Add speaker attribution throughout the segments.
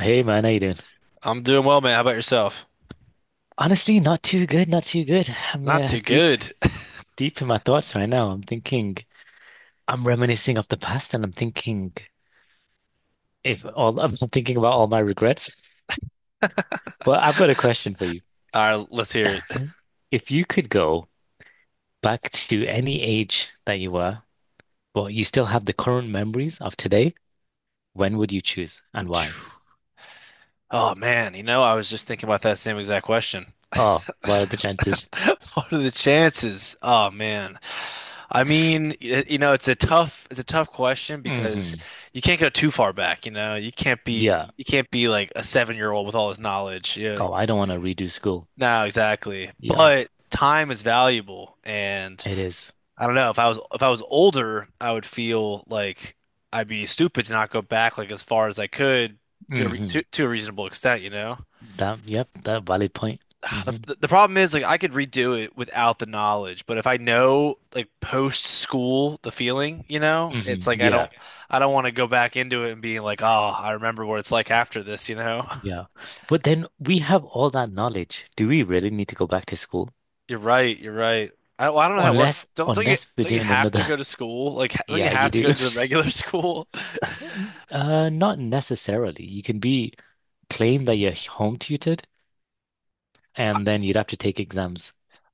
Speaker 1: Hey man, how you doing?
Speaker 2: I'm doing well, man. How about yourself?
Speaker 1: Honestly, not too good, not too good. I'm
Speaker 2: Not too
Speaker 1: deep,
Speaker 2: good.
Speaker 1: deep in my thoughts right now. I'm thinking, I'm reminiscing of the past, and I'm thinking if all I'm thinking about all my regrets. But I've got a question for you.
Speaker 2: All right, let's hear it.
Speaker 1: If you could go back to any age that you were, but you still have the current memories of today, when would you choose and why?
Speaker 2: Oh man, you know, I was just thinking about that same exact question.
Speaker 1: Oh, what are the chances?
Speaker 2: What are the chances? Oh man. I mean, y- you know, it's a tough question because
Speaker 1: hmm
Speaker 2: you can't go too far back, you know. You can't be
Speaker 1: Yeah.
Speaker 2: you can't be like a seven-year-old with all his knowledge. Yeah.
Speaker 1: Oh, I don't want to redo school.
Speaker 2: No, exactly.
Speaker 1: Yeah,
Speaker 2: But time is valuable and
Speaker 1: it is.
Speaker 2: I don't know. If I was older, I would feel like I'd be stupid to not go back like as far as I could to a re to,
Speaker 1: Mm-hmm.
Speaker 2: to a reasonable extent, you know?
Speaker 1: That, yep, that valid point. Hmm
Speaker 2: The problem is like I could redo it without the knowledge, but if I know like post school the feeling, you know, it's
Speaker 1: hmm
Speaker 2: like I
Speaker 1: Yeah,
Speaker 2: don't I don't want to go back into it and being like, oh, I remember what it's like after this, you know?
Speaker 1: yeah. But then we have all that knowledge. Do we really need to go back to school?
Speaker 2: You're right, you're right. I don't know how it works.
Speaker 1: Unless,
Speaker 2: Don't don't you
Speaker 1: unless we're
Speaker 2: don't you
Speaker 1: doing
Speaker 2: have
Speaker 1: another.
Speaker 2: to go to school? Like, don't you
Speaker 1: Yeah, you
Speaker 2: have to go
Speaker 1: do.
Speaker 2: to the regular school?
Speaker 1: Not necessarily. You can be claim that you're home tutored, and then you'd have to take exams.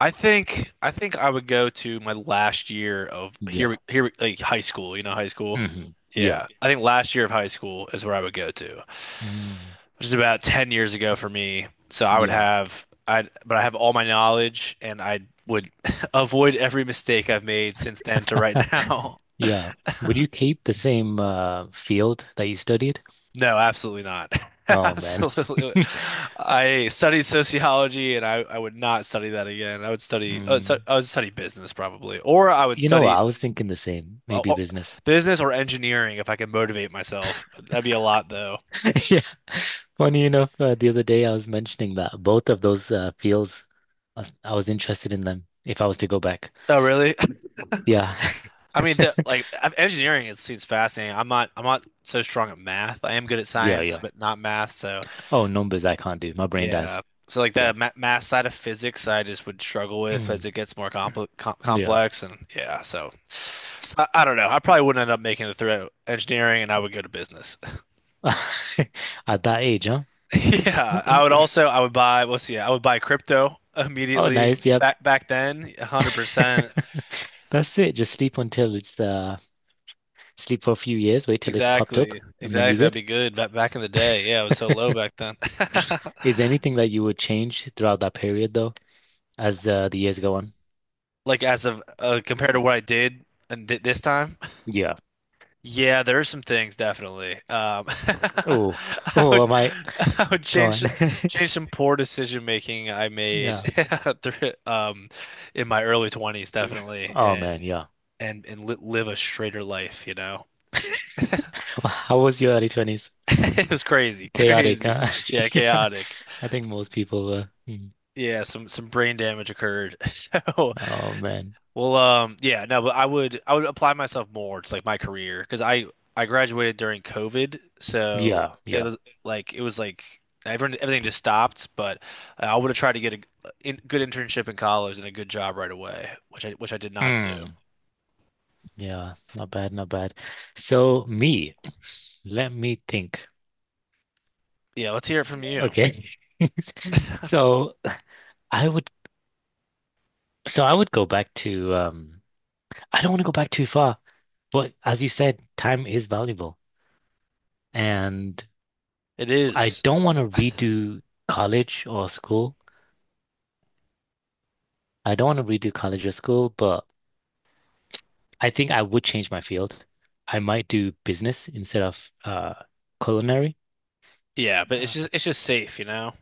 Speaker 2: I think I would go to my last year of
Speaker 1: Yeah.
Speaker 2: like high school, you know, high school.
Speaker 1: hmm Yeah.
Speaker 2: Yeah, I think last year of high school is where I would go to,
Speaker 1: Mm.
Speaker 2: which is about 10 years ago for me. So I would
Speaker 1: Yeah.
Speaker 2: have I but I have all my knowledge and I would avoid every mistake I've made since then to right now.
Speaker 1: Yeah. Would you keep the same field that you studied?
Speaker 2: No, absolutely not.
Speaker 1: Oh man.
Speaker 2: Absolutely. I studied sociology and I would not study that again. I would study
Speaker 1: Mm.
Speaker 2: I would study business probably, or I would
Speaker 1: You know,
Speaker 2: study
Speaker 1: I was thinking the same,
Speaker 2: well,
Speaker 1: maybe
Speaker 2: or-
Speaker 1: business.
Speaker 2: business or engineering if I could motivate myself. That'd be a lot though.
Speaker 1: Yeah. Funny enough, the other day I was mentioning that both of those fields, I was interested in them if I was to go back.
Speaker 2: Oh, really?
Speaker 1: Yeah.
Speaker 2: I mean, engineering is seems fascinating. I'm not so strong at math. I am good at
Speaker 1: Yeah,
Speaker 2: science,
Speaker 1: yeah.
Speaker 2: but not math. So
Speaker 1: Oh, numbers I can't do. My brain
Speaker 2: yeah.
Speaker 1: dies.
Speaker 2: So like
Speaker 1: Yeah.
Speaker 2: the ma math side of physics, I just would struggle with as
Speaker 1: Mm,
Speaker 2: it gets more
Speaker 1: yeah.
Speaker 2: complex. And yeah, so, so I don't know. I probably wouldn't end up making it through engineering, and I would go to business.
Speaker 1: At that age, huh?
Speaker 2: Yeah, I
Speaker 1: Okay.
Speaker 2: would also I would buy. Let's see, I would buy crypto
Speaker 1: Oh,
Speaker 2: immediately.
Speaker 1: nice. Yep.
Speaker 2: Back then, 100%.
Speaker 1: That's it. Just sleep until it's sleep for a few years, wait till it's popped up,
Speaker 2: Exactly.
Speaker 1: and then you're
Speaker 2: Exactly. That'd
Speaker 1: good.
Speaker 2: be good. Back in the day, yeah, it was so low back then.
Speaker 1: Is there anything that you would change throughout that period though, as the years go on?
Speaker 2: Like as of compared to what I did and th this time,
Speaker 1: Yeah.
Speaker 2: yeah, there are some things definitely.
Speaker 1: Oh,
Speaker 2: I
Speaker 1: oh,
Speaker 2: would
Speaker 1: am I
Speaker 2: I would
Speaker 1: gone?
Speaker 2: change change some poor decision making I made
Speaker 1: Yeah.
Speaker 2: through, um in my early 20s definitely
Speaker 1: Oh
Speaker 2: and
Speaker 1: man, yeah.
Speaker 2: and and li live a straighter life, you know.
Speaker 1: Wh- How was your early 20s?
Speaker 2: It was crazy,
Speaker 1: Chaotic,
Speaker 2: crazy.
Speaker 1: huh?
Speaker 2: Yeah,
Speaker 1: Yeah.
Speaker 2: chaotic.
Speaker 1: I think most people were. Mm.
Speaker 2: Yeah, some brain damage occurred. So.
Speaker 1: Oh man.
Speaker 2: Well, yeah, no, but I would apply myself more to like my career because I graduated during COVID, so
Speaker 1: Yeah, yeah.
Speaker 2: it was like everyone everything just stopped. But I would have tried to get a good internship in college and a good job right away, which I did not do.
Speaker 1: Mm. Yeah, not bad, not bad. So me, let me think.
Speaker 2: Yeah, let's hear it from you.
Speaker 1: Okay. So I would so I would go back to I don't want to go back too far, but as you said, time is valuable. And
Speaker 2: It
Speaker 1: I
Speaker 2: is,
Speaker 1: don't want to redo college or school. I don't want to redo college or school, but I think I would change my field. I might do business instead of culinary.
Speaker 2: yeah, but it's
Speaker 1: Uh,
Speaker 2: just it's just safe, you know.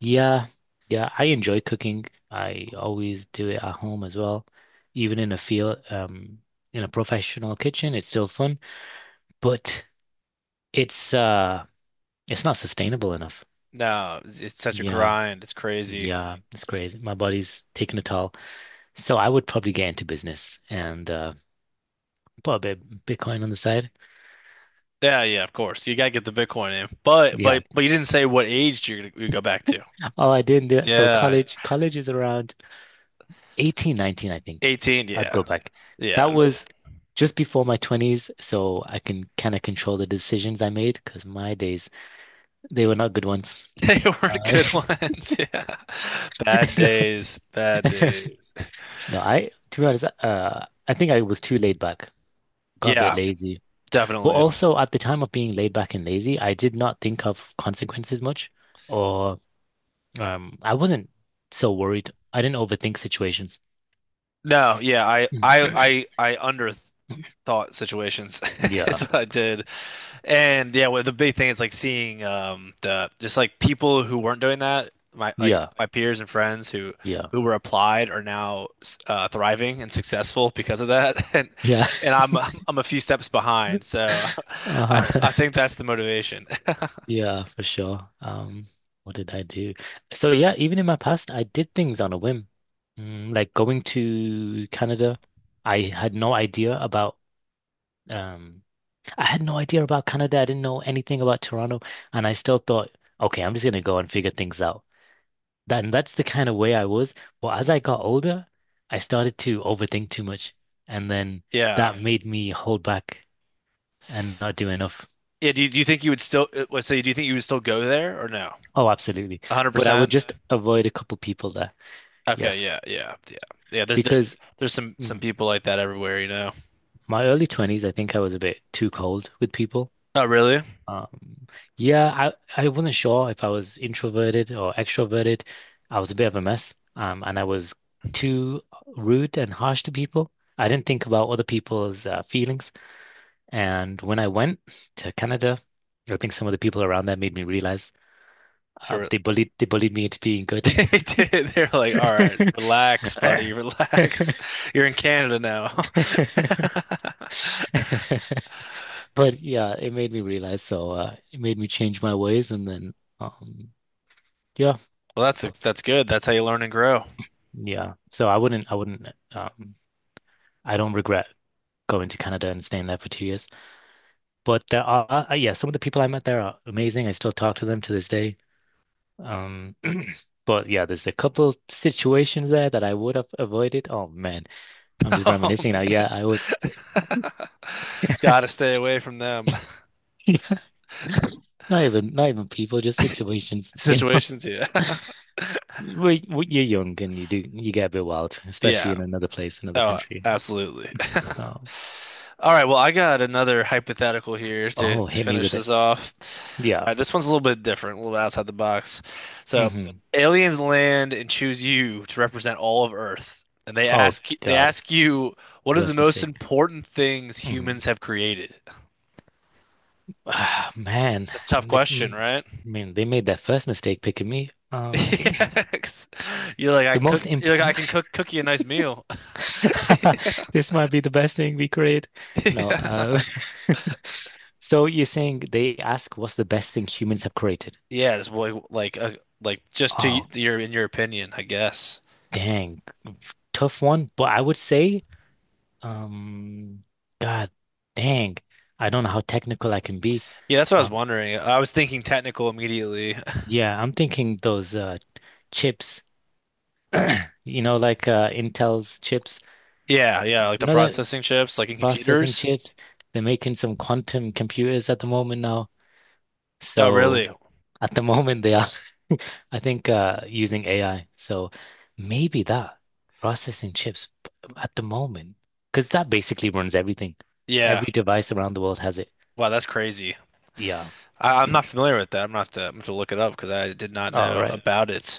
Speaker 1: yeah, yeah, I enjoy cooking. I always do it at home as well. Even in a field, in a professional kitchen, it's still fun, but it's uh it's not sustainable enough.
Speaker 2: No, it's such a
Speaker 1: Yeah,
Speaker 2: grind. It's crazy.
Speaker 1: yeah, it's crazy. My body's taking a toll. So I would probably get into business and put a bit of Bitcoin on the side.
Speaker 2: Yeah, yeah, of course you gotta get the Bitcoin in, but
Speaker 1: Yeah.
Speaker 2: but you didn't say what age you go back to.
Speaker 1: Oh, I didn't do that. So
Speaker 2: Yeah,
Speaker 1: college is around 18, 19, I think.
Speaker 2: 18,
Speaker 1: I'd
Speaker 2: yeah.
Speaker 1: go back. That
Speaker 2: Yeah,
Speaker 1: was just before my 20s, so I can kind of control the decisions I made because my days, they were not good ones.
Speaker 2: they weren't
Speaker 1: Uh,
Speaker 2: good ones. Yeah. Bad
Speaker 1: no,
Speaker 2: days, bad days.
Speaker 1: no, to be honest, I think I was too laid back, got a bit
Speaker 2: Yeah,
Speaker 1: lazy. But
Speaker 2: definitely.
Speaker 1: also at the time of being laid back and lazy, I did not think of consequences much, or I wasn't so worried. I didn't overthink situations.
Speaker 2: No, yeah, I I I I underthought situations is
Speaker 1: Yeah.
Speaker 2: what I did. And yeah, well, the big thing is like seeing the just like people who weren't doing that, my like
Speaker 1: Yeah.
Speaker 2: my peers and friends
Speaker 1: Yeah.
Speaker 2: who were applied are now thriving and successful because of that.
Speaker 1: Yeah.
Speaker 2: And I'm a few steps behind. So I
Speaker 1: Uh,
Speaker 2: I think that's the motivation.
Speaker 1: yeah, for sure. What did I do? So yeah, even in my past, I did things on a whim. Mm, like going to Canada, I had no idea about um I had no idea about Canada. I didn't know anything about Toronto, and I still thought, okay, I'm just gonna go and figure things out. That, and that's the kind of way I was. But as I got older, I started to overthink too much, and then
Speaker 2: Yeah.
Speaker 1: that made me hold back and not do enough.
Speaker 2: Yeah, do you think you would still let's say do you think you would still go there or no?
Speaker 1: Oh, absolutely. But I would
Speaker 2: 100%?
Speaker 1: just avoid a couple people there.
Speaker 2: Okay,
Speaker 1: Yes.
Speaker 2: yeah, yeah, yeah. Yeah, there's there's
Speaker 1: Because
Speaker 2: there's some
Speaker 1: mm,
Speaker 2: people like that everywhere, you know.
Speaker 1: my early 20s, I think I was a bit too cold with people.
Speaker 2: Oh, really?
Speaker 1: Um, yeah, I wasn't sure if I was introverted or extroverted. I was a bit of a mess. And I was too rude and harsh to people. I didn't think about other people's feelings. And when I went to Canada, I think some of the people around there made me realize
Speaker 2: They were
Speaker 1: they bullied me into being good.
Speaker 2: they did. They're like, "All right, relax, buddy, relax. You're in Canada now."
Speaker 1: But yeah, it made me realize. So it made me change my ways, and then um, yeah,
Speaker 2: Well, that's good. That's how you learn and grow.
Speaker 1: yeah. So I wouldn't, I wouldn't. Um, I don't regret going to Canada and staying there for 2 years. But there are, yeah, some of the people I met there are amazing. I still talk to them to this day. Um, but yeah, there's a couple situations there that I would have avoided. Oh man, I'm just
Speaker 2: Um,
Speaker 1: reminiscing now. Yeah, I would.
Speaker 2: gotta stay away from them
Speaker 1: Yeah, not even, not even people, just situations. You know?
Speaker 2: situations. Yeah.
Speaker 1: Well, well, you're young and you do you get a bit wild, especially
Speaker 2: Yeah.
Speaker 1: in another place, another
Speaker 2: Oh,
Speaker 1: country.
Speaker 2: absolutely.
Speaker 1: So,
Speaker 2: All right, well, I got another hypothetical here
Speaker 1: oh,
Speaker 2: to
Speaker 1: hit me
Speaker 2: finish
Speaker 1: with it.
Speaker 2: this off. All
Speaker 1: Yeah.
Speaker 2: right, this one's a little bit different, a little outside the box. So,
Speaker 1: hmm
Speaker 2: aliens land and choose you to represent all of Earth, and they
Speaker 1: Oh
Speaker 2: they
Speaker 1: God,
Speaker 2: ask you what is the
Speaker 1: worst
Speaker 2: most
Speaker 1: mistake.
Speaker 2: important things
Speaker 1: Hmm
Speaker 2: humans have created?
Speaker 1: Ah, man,
Speaker 2: That's a tough question,
Speaker 1: I
Speaker 2: right?
Speaker 1: mean, they made that first mistake picking me.
Speaker 2: Yeah, 'cause you're like I
Speaker 1: The
Speaker 2: can cook.
Speaker 1: most
Speaker 2: You're like I
Speaker 1: impo.
Speaker 2: can cook you a nice meal.
Speaker 1: This might be the best thing we create. No.
Speaker 2: Yeah.
Speaker 1: So you're saying they ask what's the best thing humans have created?
Speaker 2: Yeah, it's like
Speaker 1: Oh,
Speaker 2: your in your opinion, I guess.
Speaker 1: dang, tough one. But I would say. Um, God dang. I don't know how technical I can be.
Speaker 2: Yeah, that's what I was
Speaker 1: Um,
Speaker 2: wondering. I was thinking technical immediately.
Speaker 1: yeah, I'm thinking those chips, you know, like Intel's chips.
Speaker 2: Yeah, yeah, like the
Speaker 1: You know that
Speaker 2: processing chips, like in
Speaker 1: processing
Speaker 2: computers.
Speaker 1: chips? They're making some quantum computers at the moment now.
Speaker 2: Oh,
Speaker 1: So
Speaker 2: really?
Speaker 1: at the moment they are I think using AI. So maybe that processing chips p- at the moment, because that basically runs everything.
Speaker 2: Yeah.
Speaker 1: Every device around the world has it.
Speaker 2: Wow, that's crazy.
Speaker 1: Yeah.
Speaker 2: I'm not familiar with that. I'm gonna have to look it up because I did not
Speaker 1: All
Speaker 2: know
Speaker 1: right.
Speaker 2: about it.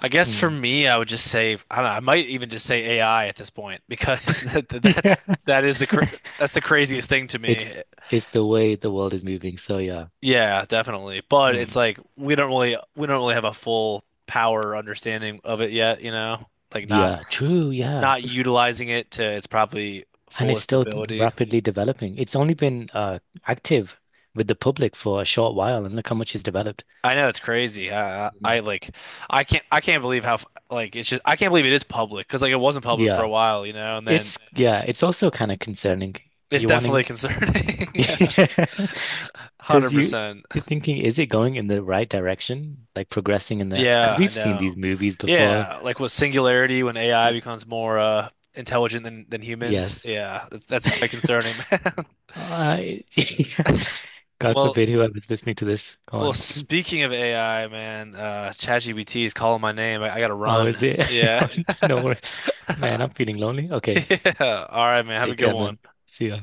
Speaker 2: I guess for
Speaker 1: Mm.
Speaker 2: me, I would just say I don't know. I might even just say AI at this point because
Speaker 1: Yeah.
Speaker 2: that is the cra- that's the craziest thing to me.
Speaker 1: It's it's the way the world is moving. So yeah.
Speaker 2: Yeah, definitely. But
Speaker 1: Hmm.
Speaker 2: it's like we don't really have a full power understanding of it yet, you know? Like not
Speaker 1: Yeah, true, yeah.
Speaker 2: not utilizing it to its probably
Speaker 1: And it's
Speaker 2: fullest
Speaker 1: still
Speaker 2: ability.
Speaker 1: rapidly developing. It's only been active with the public for a short while and look how much it's developed.
Speaker 2: I know it's crazy.
Speaker 1: Mhm.
Speaker 2: I can't believe like it's just I can't believe it is public because like it wasn't public for a
Speaker 1: Yeah.
Speaker 2: while, you know, and then
Speaker 1: It's yeah, it's also kind of concerning.
Speaker 2: it's
Speaker 1: You're
Speaker 2: definitely
Speaker 1: wanting
Speaker 2: concerning.
Speaker 1: because you
Speaker 2: 100%.
Speaker 1: you're thinking, is it going in the right direction? Like progressing in the
Speaker 2: Yeah,
Speaker 1: because
Speaker 2: I
Speaker 1: we've seen
Speaker 2: know.
Speaker 1: these movies before.
Speaker 2: Yeah, like with singularity when AI becomes more intelligent than humans.
Speaker 1: Yes.
Speaker 2: Yeah, that's quite concerning, man.
Speaker 1: Uh, God
Speaker 2: Well,
Speaker 1: forbid whoever's listening to this. Go
Speaker 2: well,
Speaker 1: on.
Speaker 2: speaking of AI, man, ChatGPT is calling my name. I gotta
Speaker 1: How is
Speaker 2: run.
Speaker 1: it?
Speaker 2: Yeah.
Speaker 1: No worries. Man, I'm feeling lonely. Okay.
Speaker 2: Yeah. All right, man. Have a
Speaker 1: Take
Speaker 2: good
Speaker 1: care,
Speaker 2: one.
Speaker 1: man. See ya.